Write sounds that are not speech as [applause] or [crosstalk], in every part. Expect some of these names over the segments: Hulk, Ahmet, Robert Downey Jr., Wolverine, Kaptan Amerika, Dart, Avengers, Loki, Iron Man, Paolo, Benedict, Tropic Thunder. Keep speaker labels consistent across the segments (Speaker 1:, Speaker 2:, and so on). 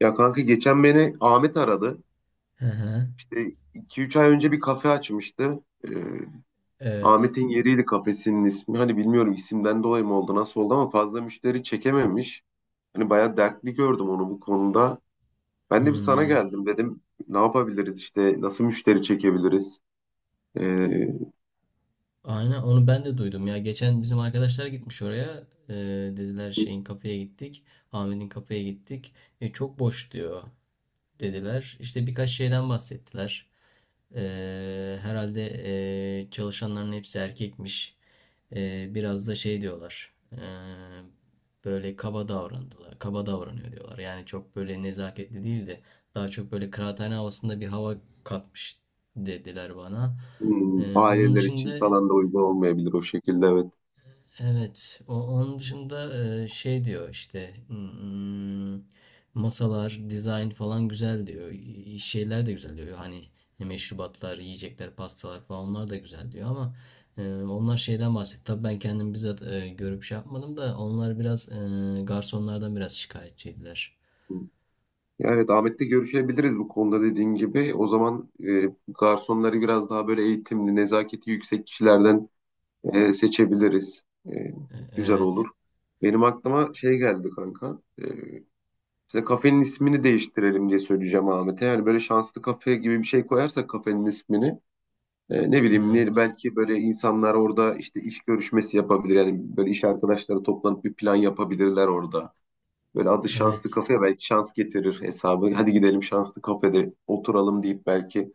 Speaker 1: Ya kanka geçen beni Ahmet aradı.
Speaker 2: Hı hı.
Speaker 1: İşte iki üç ay önce bir kafe açmıştı. Ee,
Speaker 2: Evet.
Speaker 1: Ahmet'in yeriydi kafesinin ismi. Hani bilmiyorum isimden dolayı mı oldu nasıl oldu ama fazla müşteri çekememiş. Hani bayağı dertli gördüm onu bu konuda. Ben de bir sana
Speaker 2: Hmm.
Speaker 1: geldim dedim. Ne yapabiliriz işte nasıl müşteri çekebiliriz? Ee,
Speaker 2: Aynen onu ben de duydum ya. Geçen bizim arkadaşlar gitmiş oraya. Dediler şeyin kafeye gittik. Ahmet'in kafeye gittik. E, çok boş diyor. Dediler. İşte birkaç şeyden bahsettiler. Herhalde çalışanların hepsi erkekmiş. Biraz da şey diyorlar. Böyle kaba davrandılar. Kaba davranıyor diyorlar. Yani çok böyle nezaketli değil de daha çok böyle kıraathane havasında bir hava katmış dediler bana. Onun
Speaker 1: Aileler için
Speaker 2: dışında.
Speaker 1: falan da uygun olmayabilir o şekilde, evet.
Speaker 2: Evet, onun dışında şey diyor işte, hmm, masalar, dizayn falan güzel diyor. Şeyler de güzel diyor. Hani meşrubatlar, yiyecekler, pastalar falan onlar da güzel diyor ama onlar şeyden bahsetti. Tabii ben kendim bizzat görüp şey yapmadım da onlar biraz garsonlardan biraz şikayetçiydiler.
Speaker 1: Ya, evet, Ahmet'le görüşebiliriz bu konuda dediğin gibi. O zaman garsonları biraz daha böyle eğitimli, nezaketi yüksek kişilerden seçebiliriz.
Speaker 2: E,
Speaker 1: Güzel olur.
Speaker 2: evet,
Speaker 1: Benim aklıma şey geldi kanka. İşte kafenin ismini değiştirelim diye söyleyeceğim Ahmet'e. Yani böyle şanslı kafe gibi bir şey koyarsak kafenin ismini. Ne bileyim,
Speaker 2: evet,
Speaker 1: belki böyle insanlar orada işte iş görüşmesi yapabilir. Yani böyle iş arkadaşları toplanıp bir plan yapabilirler orada. Böyle adı şanslı
Speaker 2: evet,
Speaker 1: kafe, belki şans getirir hesabı. Hadi gidelim şanslı kafede oturalım deyip belki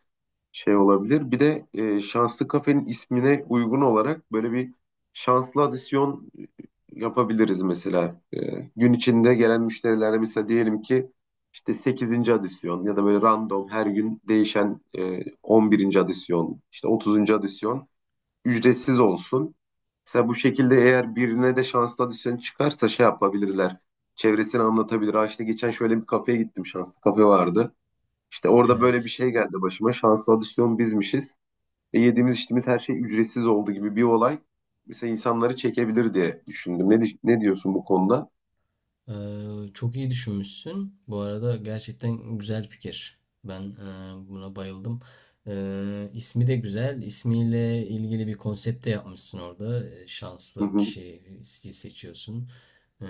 Speaker 1: şey olabilir. Bir de şanslı kafenin ismine uygun olarak böyle bir şanslı adisyon yapabiliriz mesela. Gün içinde gelen müşterilerle mesela diyelim ki işte sekizinci adisyon ya da böyle random her gün değişen 11'inci adisyon, işte 30'uncu adisyon ücretsiz olsun. Mesela bu şekilde, eğer birine de şanslı adisyon çıkarsa şey yapabilirler. Çevresini anlatabilir. Ha işte geçen şöyle bir kafeye gittim. Şanslı kafe vardı. İşte orada böyle bir
Speaker 2: evet.
Speaker 1: şey geldi başıma. Şanslı adisyon bizmişiz. Yediğimiz içtiğimiz her şey ücretsiz oldu gibi bir olay. Mesela insanları çekebilir diye düşündüm. Ne diyorsun bu konuda?
Speaker 2: Ee, çok iyi düşünmüşsün. Bu arada gerçekten güzel fikir. Ben buna bayıldım. İsmi de güzel. İsmiyle ilgili bir konsept de yapmışsın orada.
Speaker 1: Hı
Speaker 2: Şanslı
Speaker 1: hı,
Speaker 2: kişiyi seçiyorsun. Ee,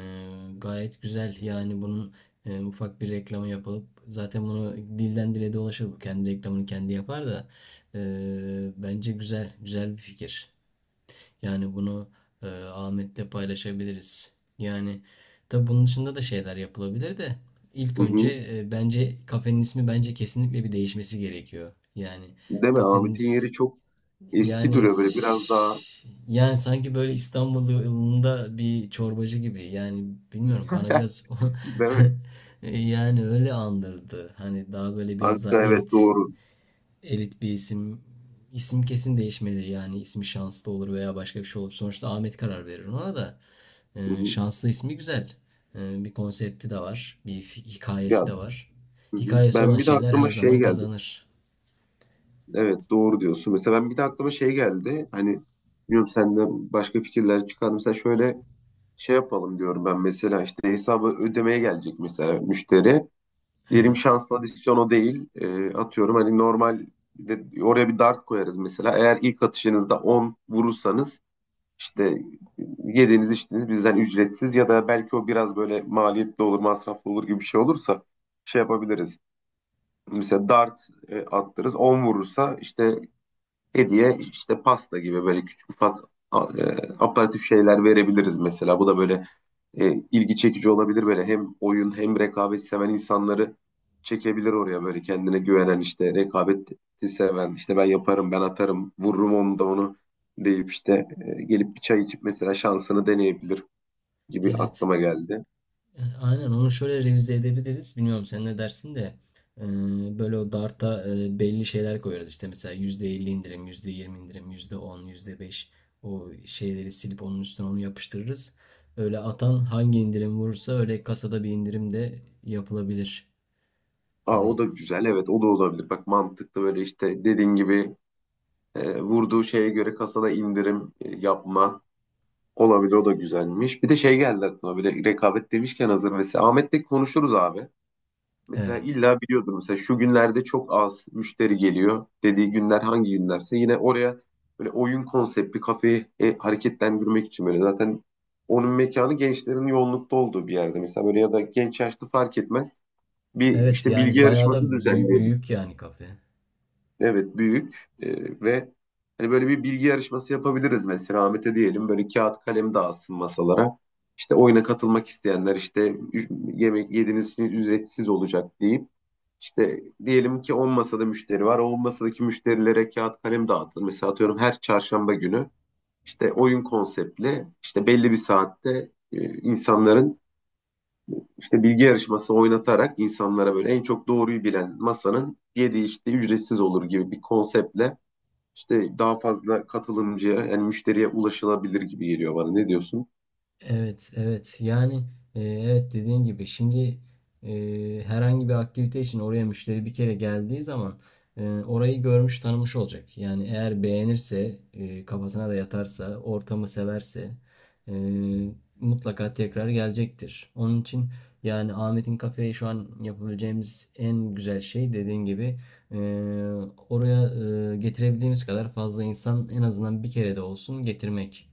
Speaker 2: gayet güzel. Yani bunun ufak bir reklamı yapılıp zaten bunu dilden dile dolaşır. Bu kendi reklamını kendi yapar da. Bence güzel. Güzel bir fikir. Yani bunu Ahmet'le paylaşabiliriz. Yani tabii bunun dışında da şeyler yapılabilir de ilk
Speaker 1: hı
Speaker 2: önce
Speaker 1: hı.
Speaker 2: bence kafenin ismi bence kesinlikle bir değişmesi gerekiyor. Yani
Speaker 1: Değil mi? Ahmet'in
Speaker 2: kafeniz,
Speaker 1: yeri çok eski duruyor böyle, biraz daha.
Speaker 2: yani sanki böyle İstanbul yolunda bir çorbacı gibi. Yani bilmiyorum bana
Speaker 1: [laughs]
Speaker 2: biraz
Speaker 1: Değil mi?
Speaker 2: [laughs] yani öyle andırdı. Hani daha böyle biraz daha
Speaker 1: Anka, evet,
Speaker 2: elit
Speaker 1: doğru.
Speaker 2: elit bir isim. İsim kesin değişmedi. Yani ismi şanslı olur veya başka bir şey olur. Sonuçta Ahmet karar verir ona da.
Speaker 1: Hı hı.
Speaker 2: Şanslı ismi güzel. Bir konsepti de var. Bir
Speaker 1: Ya,
Speaker 2: hikayesi de var.
Speaker 1: hı hı.
Speaker 2: Hikayesi olan
Speaker 1: Ben bir de
Speaker 2: şeyler
Speaker 1: aklıma
Speaker 2: her
Speaker 1: şey
Speaker 2: zaman
Speaker 1: geldi.
Speaker 2: kazanır.
Speaker 1: Evet, doğru diyorsun. Mesela ben bir de aklıma şey geldi. Hani bilmiyorum, senden başka fikirler çıkar. Mesela şöyle şey yapalım diyorum ben. Mesela işte hesabı ödemeye gelecek mesela müşteri. Diyelim
Speaker 2: Evet.
Speaker 1: şanslı adisyon o değil. Atıyorum hani normal de oraya bir dart koyarız mesela. Eğer ilk atışınızda 10 vurursanız işte yediğiniz içtiğiniz bizden ücretsiz ya da belki o biraz böyle maliyetli olur, masraflı olur gibi bir şey olursa şey yapabiliriz. Mesela dart attırız. 10 vurursa işte hediye, işte pasta gibi böyle küçük ufak a- e, aparatif şeyler verebiliriz mesela. Bu da böyle ilgi çekici olabilir, böyle hem oyun hem rekabet seven insanları çekebilir oraya. Böyle kendine güvenen, işte rekabeti seven, işte ben yaparım, ben atarım, vururum onu da onu deyip işte gelip bir çay içip mesela şansını deneyebilir gibi
Speaker 2: Evet.
Speaker 1: aklıma geldi.
Speaker 2: E, aynen onu şöyle revize edebiliriz. Bilmiyorum sen ne dersin de e, böyle o Dart'a, belli şeyler koyarız. İşte mesela %50 indirim, %20 indirim, yüzde on, yüzde beş, o şeyleri silip onun üstüne onu yapıştırırız. Öyle atan hangi indirim vurursa öyle kasada bir indirim de yapılabilir.
Speaker 1: Aa, o
Speaker 2: Hani
Speaker 1: da güzel. Evet, o da olabilir. Bak mantıklı, böyle işte dediğin gibi vurduğu şeye göre kasada indirim yapma olabilir. O da güzelmiş. Bir de şey geldi aklıma, böyle rekabet demişken hazır, mesela Ahmet'le konuşuruz abi. Mesela
Speaker 2: evet.
Speaker 1: illa biliyordur, mesela şu günlerde çok az müşteri geliyor dediği günler hangi günlerse yine oraya böyle oyun konseptli kafeyi hareketlendirmek için, böyle zaten onun mekanı gençlerin yoğunlukta olduğu bir yerde, mesela böyle ya da genç yaşlı fark etmez bir
Speaker 2: Evet,
Speaker 1: işte bilgi
Speaker 2: yani bayağı
Speaker 1: yarışması
Speaker 2: da büyük,
Speaker 1: düzenleyebiliriz.
Speaker 2: büyük yani kafe.
Speaker 1: Evet, büyük. Ve hani böyle bir bilgi yarışması yapabiliriz mesela, Ahmet'e diyelim böyle kağıt kalem dağıtsın masalara. İşte oyuna katılmak isteyenler işte yemek yediğiniz için ücretsiz olacak deyip işte diyelim ki 10 masada müşteri var. O 10 masadaki müşterilere kağıt kalem dağıtılır. Mesela atıyorum her çarşamba günü işte oyun konseptli, işte belli bir saatte insanların işte bilgi yarışması oynatarak, insanlara böyle en çok doğruyu bilen masanın yediği işte ücretsiz olur gibi bir konseptle işte daha fazla katılımcıya, yani müşteriye ulaşılabilir gibi geliyor bana. Ne diyorsun?
Speaker 2: Evet, evet. Yani evet, dediğin gibi şimdi herhangi bir aktivite için oraya müşteri bir kere geldiği zaman orayı görmüş tanımış olacak. Yani eğer beğenirse, kafasına da yatarsa, ortamı severse e, mutlaka tekrar gelecektir. Onun için yani Ahmet'in kafeye şu an yapabileceğimiz en güzel şey, dediğin gibi, e, oraya e, getirebildiğimiz kadar fazla insan, en azından bir kere de olsun, getirmek.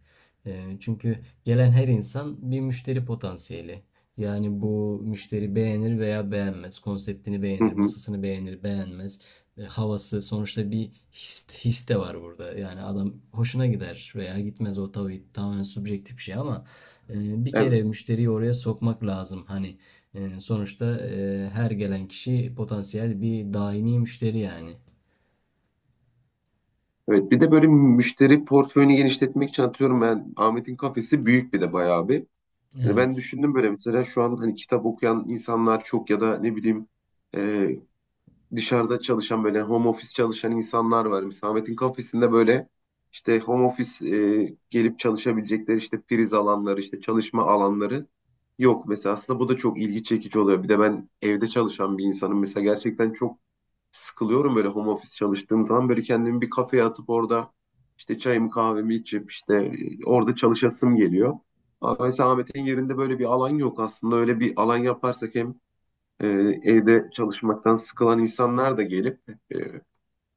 Speaker 2: E, çünkü gelen her insan bir müşteri potansiyeli. Yani bu müşteri beğenir veya beğenmez. Konseptini
Speaker 1: Hı
Speaker 2: beğenir,
Speaker 1: hı.
Speaker 2: masasını beğenir, beğenmez. E, havası sonuçta bir his, de var burada. Yani adam hoşuna gider veya gitmez, o tabii tamamen subjektif bir şey ama bir kere
Speaker 1: Evet.
Speaker 2: müşteriyi oraya sokmak lazım. Hani sonuçta her gelen kişi potansiyel bir daimi müşteri yani.
Speaker 1: Evet. Bir de böyle müşteri portföyünü genişletmek için, atıyorum, ben Ahmet'in kafesi büyük bir de bayağı bir. Yani ben
Speaker 2: Evet.
Speaker 1: düşündüm böyle, mesela şu an hani kitap okuyan insanlar çok ya da ne bileyim e, dışarıda çalışan, böyle home office çalışan insanlar var. Mesela Ahmet'in kafesinde böyle işte home office gelip çalışabilecekleri işte priz alanları, işte çalışma alanları yok. Mesela aslında bu da çok ilgi çekici oluyor. Bir de ben evde çalışan bir insanım. Mesela gerçekten çok sıkılıyorum böyle home office çalıştığım zaman. Böyle kendimi bir kafeye atıp orada işte çayımı kahvemi içip işte orada çalışasım geliyor. Ama mesela Ahmet'in yerinde böyle bir alan yok aslında. Öyle bir alan yaparsak hem e, evde çalışmaktan sıkılan insanlar da gelip e,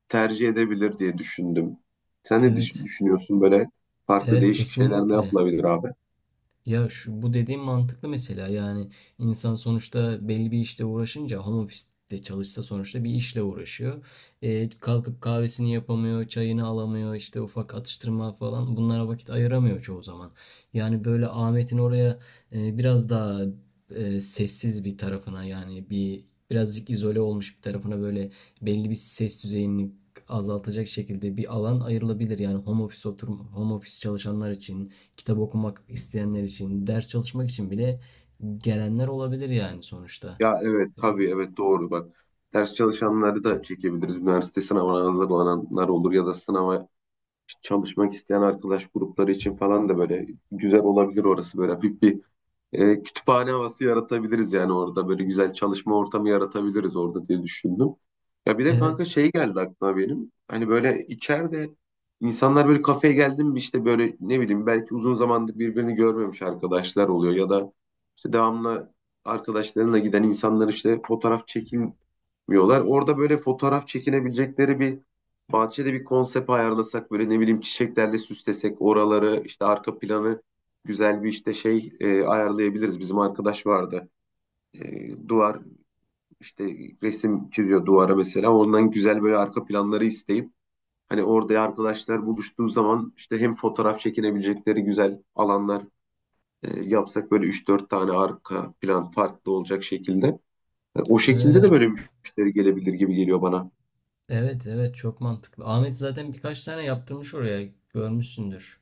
Speaker 1: tercih edebilir diye düşündüm. Sen ne
Speaker 2: Evet.
Speaker 1: düşünüyorsun, böyle farklı
Speaker 2: Evet,
Speaker 1: değişik şeyler ne
Speaker 2: kesinlikle.
Speaker 1: yapılabilir abi?
Speaker 2: Ya şu bu dediğim mantıklı mesela, yani insan sonuçta belli bir işte uğraşınca, home office'te çalışsa, sonuçta bir işle uğraşıyor. E, kalkıp kahvesini yapamıyor, çayını alamıyor, işte ufak atıştırma falan, bunlara vakit ayıramıyor çoğu zaman. Yani böyle Ahmet'in oraya biraz daha sessiz bir tarafına, birazcık izole olmuş bir tarafına, böyle belli bir ses düzeyini azaltacak şekilde bir alan ayrılabilir. Yani home office oturum, home office çalışanlar için, kitap okumak isteyenler için, ders çalışmak için bile gelenler olabilir yani sonuçta.
Speaker 1: Ya evet, tabii, evet doğru bak. Ders çalışanları da çekebiliriz. Üniversite sınavına hazırlananlar olur ya da sınava çalışmak isteyen arkadaş grupları için falan da böyle güzel olabilir orası. Böyle hafif bir kütüphane havası yaratabiliriz yani orada, böyle güzel çalışma ortamı yaratabiliriz orada diye düşündüm. Ya bir de kanka
Speaker 2: Evet.
Speaker 1: şey geldi aklıma benim. Hani böyle içeride insanlar böyle kafeye geldi mi işte, böyle ne bileyim belki uzun zamandır birbirini görmemiş arkadaşlar oluyor ya da işte devamlı arkadaşlarına giden insanlar işte fotoğraf çekinmiyorlar. Orada böyle fotoğraf çekinebilecekleri bir, bahçede bir konsept ayarlasak, böyle ne bileyim çiçeklerle süslesek oraları, işte arka planı güzel bir işte şey ayarlayabiliriz. Bizim arkadaş vardı. Duvar işte resim çiziyor duvara mesela. Ondan güzel böyle arka planları isteyip, hani orada arkadaşlar buluştuğu zaman işte hem fotoğraf çekinebilecekleri güzel alanlar yapsak, böyle üç dört tane arka plan farklı olacak şekilde. O şekilde de
Speaker 2: Ee,
Speaker 1: böyle müşteri gelebilir gibi geliyor bana.
Speaker 2: evet, evet, çok mantıklı. Ahmet zaten birkaç tane yaptırmış oraya, görmüşsündür.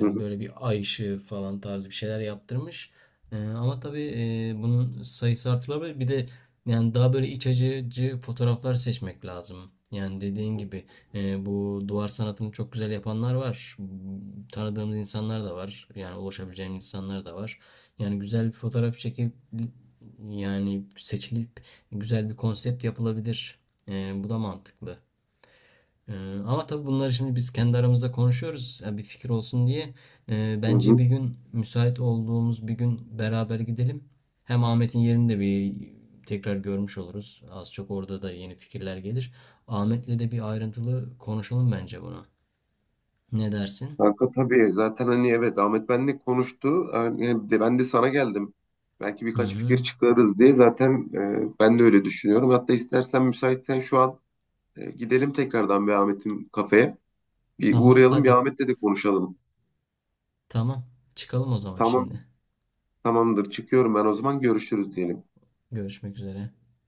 Speaker 1: Hı hı.
Speaker 2: Böyle bir ay ışığı falan tarzı bir şeyler yaptırmış. Ama tabii bunun sayısı artırılabilir. Bir de yani daha böyle iç acıcı fotoğraflar seçmek lazım. Yani dediğin gibi bu duvar sanatını çok güzel yapanlar var. Tanıdığımız insanlar da var. Yani ulaşabileceğim insanlar da var. Yani güzel bir fotoğraf çekip, yani seçilip, güzel bir konsept yapılabilir. Bu da mantıklı. Ama tabii bunları şimdi biz kendi aramızda konuşuyoruz, ya bir fikir olsun diye.
Speaker 1: Hı
Speaker 2: Bence
Speaker 1: hı.
Speaker 2: bir gün, müsait olduğumuz bir gün, beraber gidelim. Hem Ahmet'in yerini de bir tekrar görmüş oluruz. Az çok orada da yeni fikirler gelir. Ahmet'le de bir ayrıntılı konuşalım bence bunu. Ne dersin?
Speaker 1: Kanka tabii zaten hani, evet, Ahmet benle konuştu. Yani ben de sana geldim. Belki
Speaker 2: Hı
Speaker 1: birkaç
Speaker 2: hı.
Speaker 1: fikir çıkarız diye, zaten ben de öyle düşünüyorum. Hatta istersen, müsaitsen şu an gidelim tekrardan bir Ahmet'in kafeye. Bir
Speaker 2: Tamam,
Speaker 1: uğrayalım, bir
Speaker 2: hadi.
Speaker 1: Ahmet'le de konuşalım.
Speaker 2: Tamam. Çıkalım o zaman
Speaker 1: Tamam,
Speaker 2: şimdi.
Speaker 1: tamamdır, çıkıyorum ben. O zaman görüşürüz diyelim.
Speaker 2: Görüşmek üzere.